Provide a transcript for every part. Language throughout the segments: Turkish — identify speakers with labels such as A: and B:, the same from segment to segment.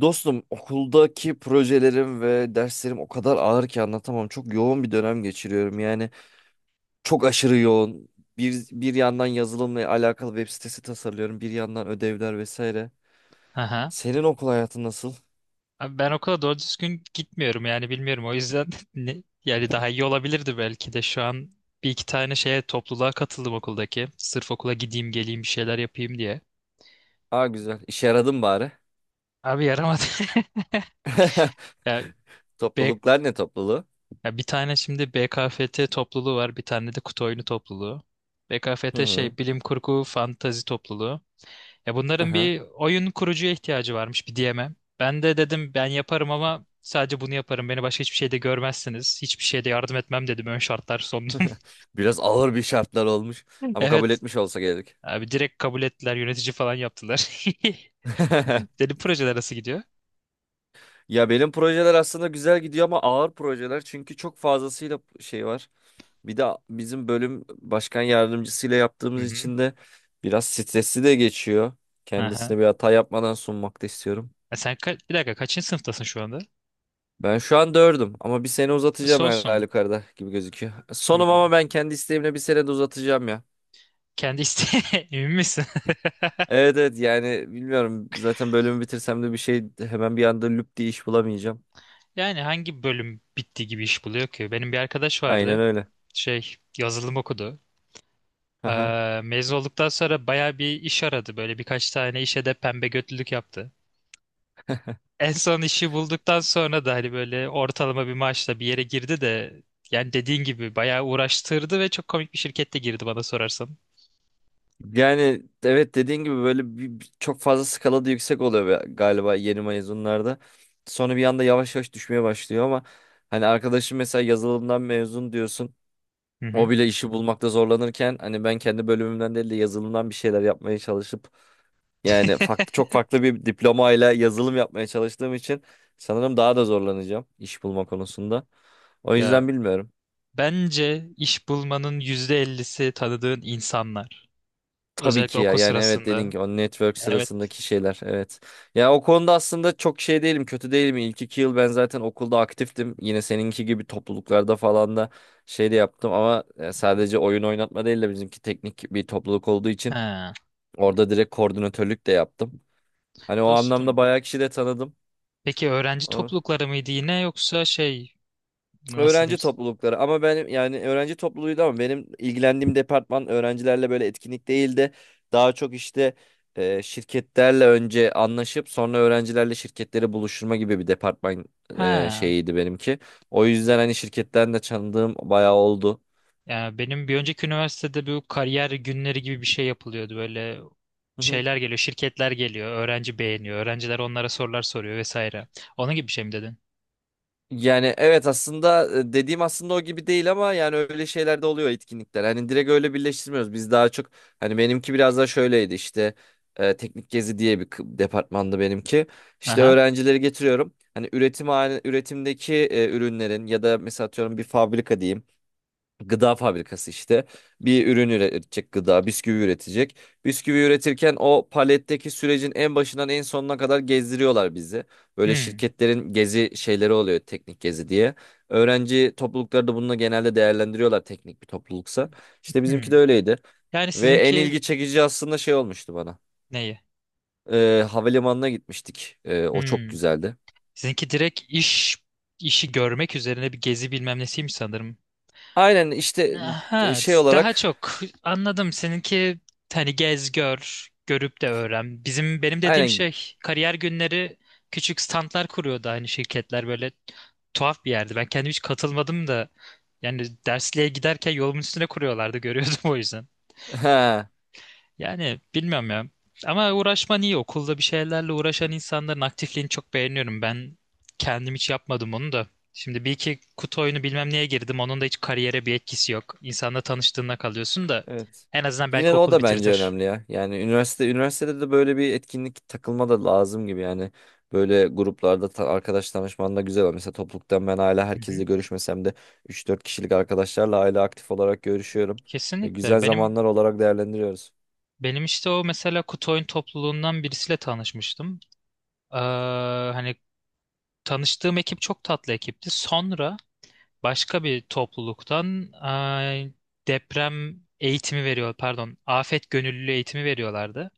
A: Dostum okuldaki projelerim ve derslerim o kadar ağır ki anlatamam. Çok yoğun bir dönem geçiriyorum. Yani çok aşırı yoğun. Bir yandan yazılımla alakalı web sitesi tasarlıyorum. Bir yandan ödevler vesaire.
B: Aha.
A: Senin okul hayatın nasıl?
B: Abi ben okula doğru düzgün gitmiyorum yani bilmiyorum. O yüzden yani daha iyi olabilirdi belki de şu an bir iki tane şeye topluluğa katıldım okuldaki. Sırf okula gideyim geleyim bir şeyler yapayım diye.
A: Aa, güzel. İşe yaradın bari.
B: Abi yaramadı. Ya, B,
A: Topluluklar ne topluluğu?
B: ya, bir tane şimdi BKFT topluluğu var, bir tane de kutu oyunu topluluğu.
A: Hı
B: BKFT
A: hı.
B: şey bilim kurgu fantazi topluluğu. Ya
A: Hı
B: bunların
A: hı.
B: bir oyun kurucuya ihtiyacı varmış, bir DM'ye. Ben de dedim ben yaparım ama sadece bunu yaparım. Beni başka hiçbir şeyde görmezsiniz. Hiçbir şeyde yardım etmem dedim. Ön şartlar sundum.
A: Biraz ağır bir şartlar olmuş ama kabul
B: Evet.
A: etmiş olsa gerek.
B: Abi direkt kabul ettiler. Yönetici falan yaptılar. Dedim projeler nasıl gidiyor?
A: Ya, benim projeler aslında güzel gidiyor ama ağır projeler çünkü çok fazlasıyla şey var. Bir de bizim bölüm başkan yardımcısıyla
B: Hı
A: yaptığımız
B: hı.
A: için de biraz stresli de geçiyor.
B: Aha.
A: Kendisine bir hata yapmadan sunmak da istiyorum.
B: E sen bir dakika kaçıncı sınıftasın şu anda?
A: Ben şu an dördüm ama bir sene uzatacağım her
B: Sonsun.
A: halükarda gibi gözüküyor. Sonum
B: Hmm.
A: ama ben kendi isteğimle bir sene de uzatacağım ya.
B: Kendi isteğe emin misin?
A: Evet, evet, yani bilmiyorum, zaten bölümü bitirsem de bir şey hemen bir anda lüp diye iş bulamayacağım.
B: Yani hangi bölüm bitti gibi iş buluyor ki? Benim bir arkadaş
A: Aynen
B: vardı.
A: öyle.
B: Şey yazılım okudu. Mezun olduktan sonra baya bir iş aradı. Böyle birkaç tane işe de pembe götlülük yaptı. En son işi bulduktan sonra da hani böyle ortalama bir maaşla bir yere girdi de yani dediğin gibi bayağı uğraştırdı ve çok komik bir şirkette girdi bana sorarsan.
A: Yani evet, dediğin gibi böyle çok fazla skalada yüksek oluyor galiba yeni mezunlarda. Sonra bir anda yavaş yavaş düşmeye başlıyor ama hani arkadaşım mesela yazılımdan mezun diyorsun.
B: Hı hı.
A: O bile işi bulmakta zorlanırken hani ben kendi bölümümden değil de yazılımdan bir şeyler yapmaya çalışıp yani farklı çok farklı bir diplomayla yazılım yapmaya çalıştığım için sanırım daha da zorlanacağım iş bulma konusunda. O
B: Ya,
A: yüzden bilmiyorum.
B: bence iş bulmanın %50'si tanıdığın insanlar.
A: Tabii
B: Özellikle
A: ki ya,
B: okul
A: yani evet, dedin
B: sırasında.
A: ki o network
B: Evet.
A: sırasındaki şeyler, evet. Ya o konuda aslında çok şey değilim, kötü değilim. İlk 2 yıl ben zaten okulda aktiftim. Yine seninki gibi topluluklarda falan da şey de yaptım ama sadece oyun oynatma değil de bizimki teknik bir topluluk olduğu için
B: Ha,
A: orada direkt koordinatörlük de yaptım. Hani o anlamda
B: dostum.
A: bayağı kişi de tanıdım.
B: Peki öğrenci toplulukları mıydı yine, yoksa şey, nasıl
A: Öğrenci
B: diyeyim?
A: toplulukları ama benim, yani öğrenci topluluğuydu ama benim ilgilendiğim departman öğrencilerle böyle etkinlik değildi. Daha çok işte şirketlerle önce anlaşıp sonra öğrencilerle şirketleri buluşturma gibi bir departman
B: Ha.
A: şeyiydi benimki. O yüzden hani şirketten de tanıdığım bayağı oldu.
B: Yani benim bir önceki üniversitede bu kariyer günleri gibi bir şey yapılıyordu. Böyle şeyler geliyor, şirketler geliyor, öğrenci beğeniyor, öğrenciler onlara sorular soruyor vesaire. Onun gibi bir şey mi dedin?
A: Yani evet, aslında dediğim aslında o gibi değil ama yani öyle şeyler de oluyor etkinlikler. Hani direkt öyle birleştirmiyoruz. Biz daha çok hani benimki biraz daha şöyleydi işte teknik gezi diye departmandı benimki. İşte
B: Aha.
A: öğrencileri getiriyorum. Hani üretimdeki ürünlerin ya da mesela atıyorum bir fabrika diyeyim, gıda fabrikası işte, bir ürün üretecek, gıda, bisküvi üretecek. Bisküvi üretirken o paletteki sürecin en başından en sonuna kadar gezdiriyorlar bizi. Böyle
B: Hmm.
A: şirketlerin gezi şeyleri oluyor, teknik gezi diye. Öğrenci toplulukları da bununla genelde değerlendiriyorlar, teknik bir topluluksa. İşte bizimki
B: Hmm.
A: de öyleydi
B: Yani
A: ve en
B: sizinki
A: ilgi çekici aslında şey olmuştu bana.
B: neyi?
A: Havalimanına gitmiştik. O çok
B: Hmm.
A: güzeldi.
B: Sizinki direkt işi görmek üzerine bir gezi bilmem nesiymiş sanırım.
A: Aynen işte,
B: Ha,
A: şey
B: daha
A: olarak.
B: çok anladım. Seninki hani gez gör, görüp de öğren. Benim dediğim
A: Aynen.
B: şey kariyer günleri, küçük standlar kuruyordu aynı şirketler, böyle tuhaf bir yerdi. Ben kendim hiç katılmadım da yani dersliğe giderken yolumun üstüne kuruyorlardı, görüyordum o yüzden. Yani bilmiyorum ya. Ama uğraşman iyi. Okulda bir şeylerle uğraşan insanların aktifliğini çok beğeniyorum. Ben kendim hiç yapmadım onu da. Şimdi bir iki kutu oyunu bilmem neye girdim. Onun da hiç kariyere bir etkisi yok. İnsanla tanıştığına kalıyorsun da
A: Evet.
B: en azından
A: Yine
B: belki
A: de o
B: okul
A: da bence
B: bitirtir.
A: önemli ya. Yani üniversitede de böyle bir etkinlik takılma da lazım gibi yani. Böyle gruplarda arkadaş tanışman da güzel. Var. Mesela topluluktan ben hala
B: Hı hı.
A: herkesle görüşmesem de 3-4 kişilik arkadaşlarla hala aktif olarak görüşüyorum. Ve güzel
B: Kesinlikle. Benim
A: zamanlar olarak değerlendiriyoruz.
B: benim işte o mesela kutu oyun topluluğundan birisiyle tanışmıştım. Ee, hani tanıştığım ekip çok tatlı ekipti. Sonra başka bir topluluktan, deprem eğitimi veriyor, pardon, afet gönüllülüğü eğitimi veriyorlardı.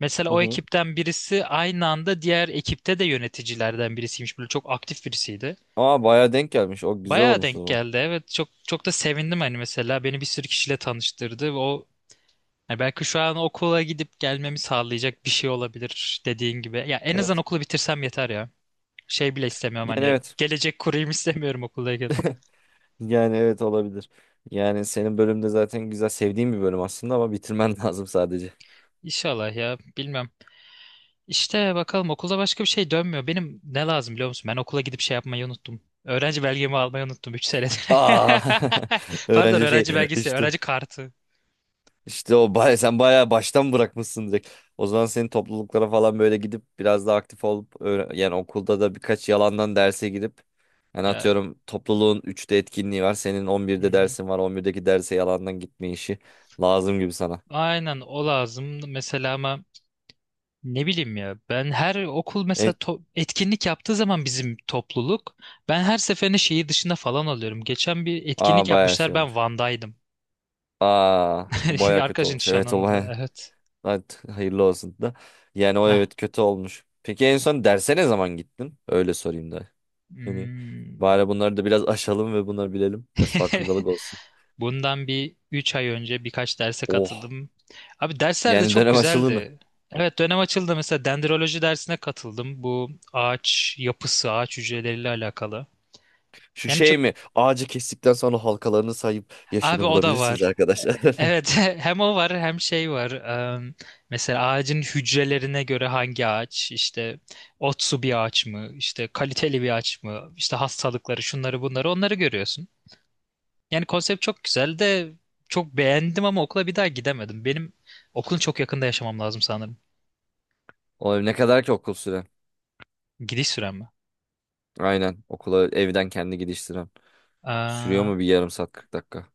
B: Mesela
A: Hı
B: o
A: hı.
B: ekipten birisi aynı anda diğer ekipte de yöneticilerden birisiymiş. Böyle çok aktif birisiydi.
A: Aa, bayağı denk gelmiş. O güzel
B: Bayağı
A: olmuş o
B: denk
A: zaman.
B: geldi. Evet, çok çok da sevindim hani, mesela beni bir sürü kişiyle tanıştırdı ve o yani belki şu an okula gidip gelmemi sağlayacak bir şey olabilir dediğin gibi. Ya, en azından
A: Evet.
B: okulu bitirsem yeter ya. Şey bile istemiyorum
A: Yani
B: hani,
A: evet.
B: gelecek kurayım istemiyorum okuldayken.
A: Yani evet, olabilir. Yani senin bölümde zaten güzel, sevdiğim bir bölüm aslında ama bitirmen lazım sadece.
B: İnşallah ya, bilmem. İşte bakalım, okulda başka bir şey dönmüyor. Benim ne lazım biliyor musun? Ben okula gidip şey yapmayı unuttum. Öğrenci belgemi almayı unuttum 3 senedir.
A: Aa.
B: Pardon,
A: Öğrenci şey
B: öğrenci belgesi,
A: işte.
B: öğrenci kartı.
A: İşte o baya, sen bayağı baştan bırakmışsın direkt. O zaman senin topluluklara falan böyle gidip biraz daha aktif olup yani okulda da birkaç yalandan derse gidip yani
B: Ya,
A: atıyorum topluluğun 3'te etkinliği var. Senin on
B: hı
A: birde
B: hı.
A: dersin var. 11'deki derse yalandan gitme işi lazım gibi sana.
B: Aynen o lazım mesela ama ne bileyim ya, ben her okul mesela
A: En,
B: etkinlik yaptığı zaman bizim topluluk, ben her seferinde şehir dışında falan alıyorum. Geçen bir etkinlik
A: aa, bayağı
B: yapmışlar,
A: şey
B: ben
A: olmuş.
B: Van'daydım.
A: Aa, o bayağı kötü
B: Arkadaşın
A: olmuş. Evet, o bayağı.
B: nişanında, evet.
A: Evet, hayırlı olsun da. Yani o,
B: Heh.
A: evet, kötü olmuş. Peki en son derse ne zaman gittin? Öyle sorayım da. Yani
B: Hmm.
A: bari bunları da biraz aşalım ve bunları bilelim. Biraz farkındalık olsun.
B: Bundan bir 3 ay önce birkaç derse
A: Oh.
B: katıldım. Abi dersler de
A: Yani
B: çok
A: dönem aşılığını.
B: güzeldi. Evet, dönem açıldı mesela, dendroloji dersine katıldım. Bu ağaç yapısı, ağaç hücreleriyle alakalı.
A: Şu
B: Yani çok
A: şey mi? Ağacı kestikten sonra halkalarını sayıp
B: abi,
A: yaşını
B: o da
A: bulabilirsiniz
B: var.
A: arkadaşlar.
B: Evet, hem o var hem şey var. Em, mesela ağacın hücrelerine göre hangi ağaç işte otsu bir ağaç mı işte kaliteli bir ağaç mı işte, hastalıkları şunları bunları onları görüyorsun. Yani konsept çok güzel de, çok beğendim ama okula bir daha gidemedim. Benim okulun çok yakında yaşamam lazım sanırım.
A: Oğlum ne kadar ki okul süren.
B: Gidiş sürem mi?
A: Aynen. Okula evden kendi gidiş süren. Sürüyor
B: Aa,
A: mu bir yarım saat 40 dakika?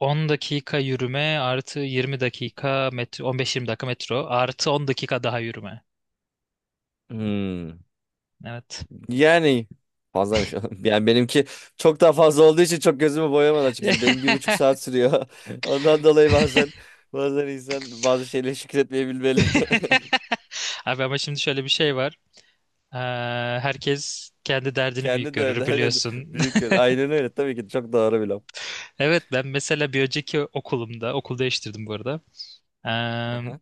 B: 10 dakika yürüme artı 20 dakika metro, 15-20 dakika metro artı 10 dakika daha yürüme.
A: Hmm.
B: Evet.
A: Yani fazlamış. Yani benimki çok daha fazla olduğu için çok gözümü boyamadı açıkçası. Benim bir buçuk saat sürüyor. Ondan dolayı bazen insan bazı şeyleri şükretmeyebilmeli.
B: Abi ama şimdi şöyle bir şey var. Ee, herkes kendi derdini büyük
A: Kendi de öyle.
B: görür
A: Aynen.
B: biliyorsun.
A: Büyük yer. Aynen öyle. Tabii ki çok doğru bir laf.
B: Evet, ben mesela bir önceki okulumda okul değiştirdim bu arada.
A: Aha.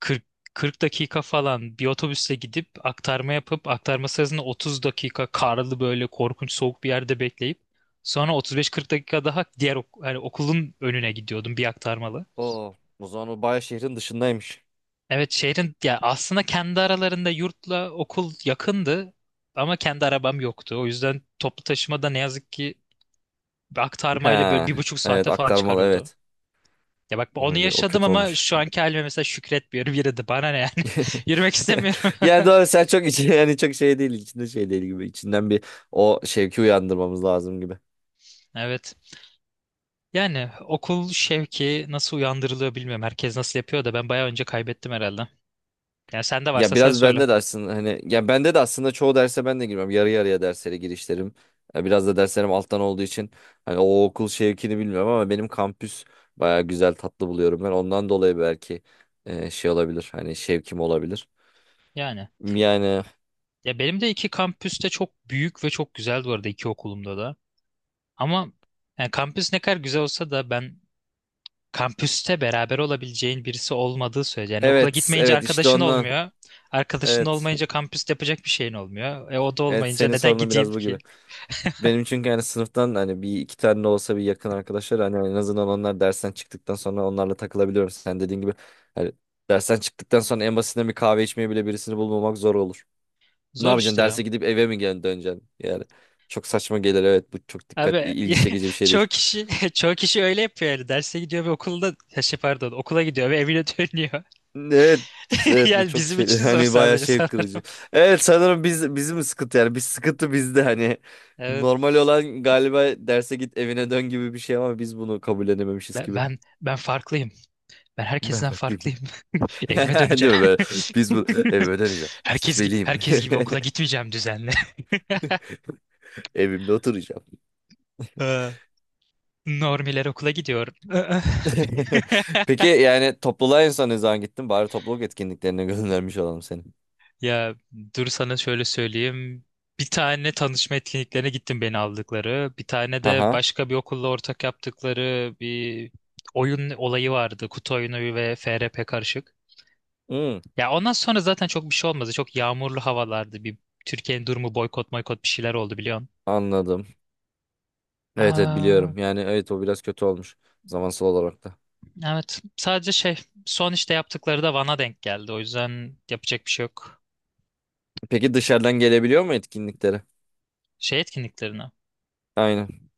B: 40 40 dakika falan bir otobüsle gidip aktarma yapıp, aktarma sırasında 30 dakika karlı böyle korkunç soğuk bir yerde bekleyip sonra 35-40 dakika daha diğer hani okulun önüne gidiyordum, bir aktarmalı.
A: Oo, o zaman o bayağı şehrin dışındaymış.
B: Evet, şehrin ya, aslında kendi aralarında yurtla okul yakındı ama kendi arabam yoktu. O yüzden toplu taşımada ne yazık ki aktarmayla böyle
A: Ha,
B: bir buçuk
A: evet,
B: saate falan
A: aktarmalı,
B: çıkarıyordu.
A: evet.
B: Ya bak, onu
A: Olabilir, o
B: yaşadım
A: kötü
B: ama
A: olmuş.
B: şu anki halime mesela şükretmiyorum yine de, bana ne yani. Yürümek istemiyorum.
A: Yani doğru, sen çok içi yani çok şey değil içinde şey değil gibi, içinden bir o şevki uyandırmamız lazım gibi.
B: Evet. Yani okul şevki nasıl uyandırılıyor bilmiyorum. Herkes nasıl yapıyor da ben bayağı önce kaybettim herhalde. Yani sende
A: Ya
B: varsa sen
A: biraz
B: söyle.
A: bende de aslında hani ya bende de aslında çoğu derse ben de girmem. Yarı yarıya derslere girişlerim. Ya biraz da derslerim alttan olduğu için hani o okul şevkini bilmiyorum ama benim kampüs baya güzel, tatlı buluyorum ben. Ondan dolayı belki şey olabilir. Hani şevkim olabilir.
B: Yani.
A: Yani
B: Ya, benim de iki kampüste çok büyük ve çok güzel bu arada, iki okulumda da. Ama yani kampüs ne kadar güzel olsa da ben, kampüste beraber olabileceğin birisi olmadığı sürece. Yani okula
A: evet,
B: gitmeyince
A: evet, işte
B: arkadaşın
A: ondan.
B: olmuyor. Arkadaşın
A: Evet.
B: olmayınca kampüste yapacak bir şeyin olmuyor. E o da
A: Evet,
B: olmayınca
A: senin
B: neden
A: sorunun
B: gideyim
A: biraz bu
B: ki?
A: gibi. Benim çünkü yani sınıftan hani bir iki tane de olsa bir yakın arkadaşlar hani en azından onlar dersten çıktıktan sonra onlarla takılabiliyorum. Sen dediğin gibi hani dersten çıktıktan sonra en basitinden bir kahve içmeye bile birisini bulmamak zor olur. Ne
B: Zor
A: yapacaksın? Derse
B: işte.
A: gidip eve mi gel döneceksin? Yani çok saçma gelir, evet, bu çok dikkat
B: Abi
A: ilgi çekici bir şey
B: çoğu
A: değil.
B: kişi çoğu kişi öyle yapıyor yani, derse gidiyor ve okulda, ya şey pardon, okula gidiyor ve evine dönüyor.
A: Evet, evet, bu
B: Yani
A: çok
B: bizim
A: şey
B: için zor,
A: hani bayağı
B: sadece
A: şey
B: sana.
A: kırıcı. Evet sanırım biz bizim sıkıntı yani biz sıkıntı bizde hani
B: Evet.
A: normal olan galiba derse git evine dön gibi bir şey ama biz bunu kabullenememişiz
B: Ben,
A: gibi.
B: ben ben farklıyım. Ben
A: Ben
B: herkesten
A: farklıyım.
B: farklıyım. Evime
A: Değil
B: döneceğim.
A: mi? Böyle, biz bu evime döneceğim.
B: Herkes gi-
A: Gitmeliyim.
B: herkes gibi okula gitmeyeceğim düzenli.
A: Evimde oturacağım.
B: Ee, Normiler okula gidiyor.
A: Peki yani topluluğa en son ne zaman gittin? Bari topluluk etkinliklerine göndermiş olalım seni.
B: Ya dur, sana şöyle söyleyeyim. Bir tane tanışma etkinliklerine gittim, beni aldıkları. Bir tane de
A: Aha.
B: başka bir okulla ortak yaptıkları bir oyun olayı vardı. Kutu oyunu ve FRP karışık.
A: Hmm,
B: Ya, ondan sonra zaten çok bir şey olmadı. Çok yağmurlu havalardı. Bir Türkiye'nin durumu, boykot boykot bir şeyler oldu biliyorsun.
A: anladım. Evet, evet,
B: Aa,
A: biliyorum. Yani evet, o biraz kötü olmuş. Zamansal olarak da.
B: evet. Sadece şey, son işte yaptıkları da Van'a denk geldi. O yüzden yapacak bir şey yok.
A: Peki dışarıdan gelebiliyor mu etkinliklere?
B: Şey etkinliklerine.
A: Aynen.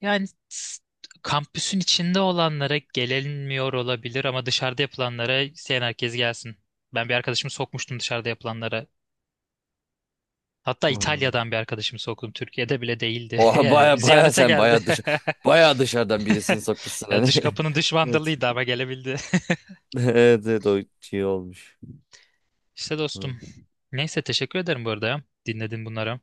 B: Yani kampüsün içinde olanlara gelinmiyor olabilir ama dışarıda yapılanlara isteyen herkes gelsin. Ben bir arkadaşımı sokmuştum dışarıda yapılanlara. Hatta
A: Hmm.
B: İtalya'dan bir arkadaşımı soktum. Türkiye'de bile değildi.
A: Oha,
B: Yani
A: baya
B: ziyarete
A: sen
B: geldi.
A: baya dışarıdan birisini sokmuşsun
B: Ya,
A: hani.
B: dış kapının dış
A: Evet.
B: vandalıydı ama gelebildi.
A: Evet, evet, o iyi olmuş.
B: İşte dostum. Neyse, teşekkür ederim bu arada ya. Dinledin bunları.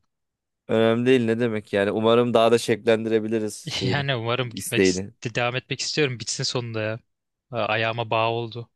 A: Önemli değil, ne demek yani. Umarım daha da şevklendirebiliriz şeyini,
B: Yani umarım gitmek
A: isteğini.
B: devam etmek istiyorum. Bitsin sonunda ya. Ayağıma bağ oldu.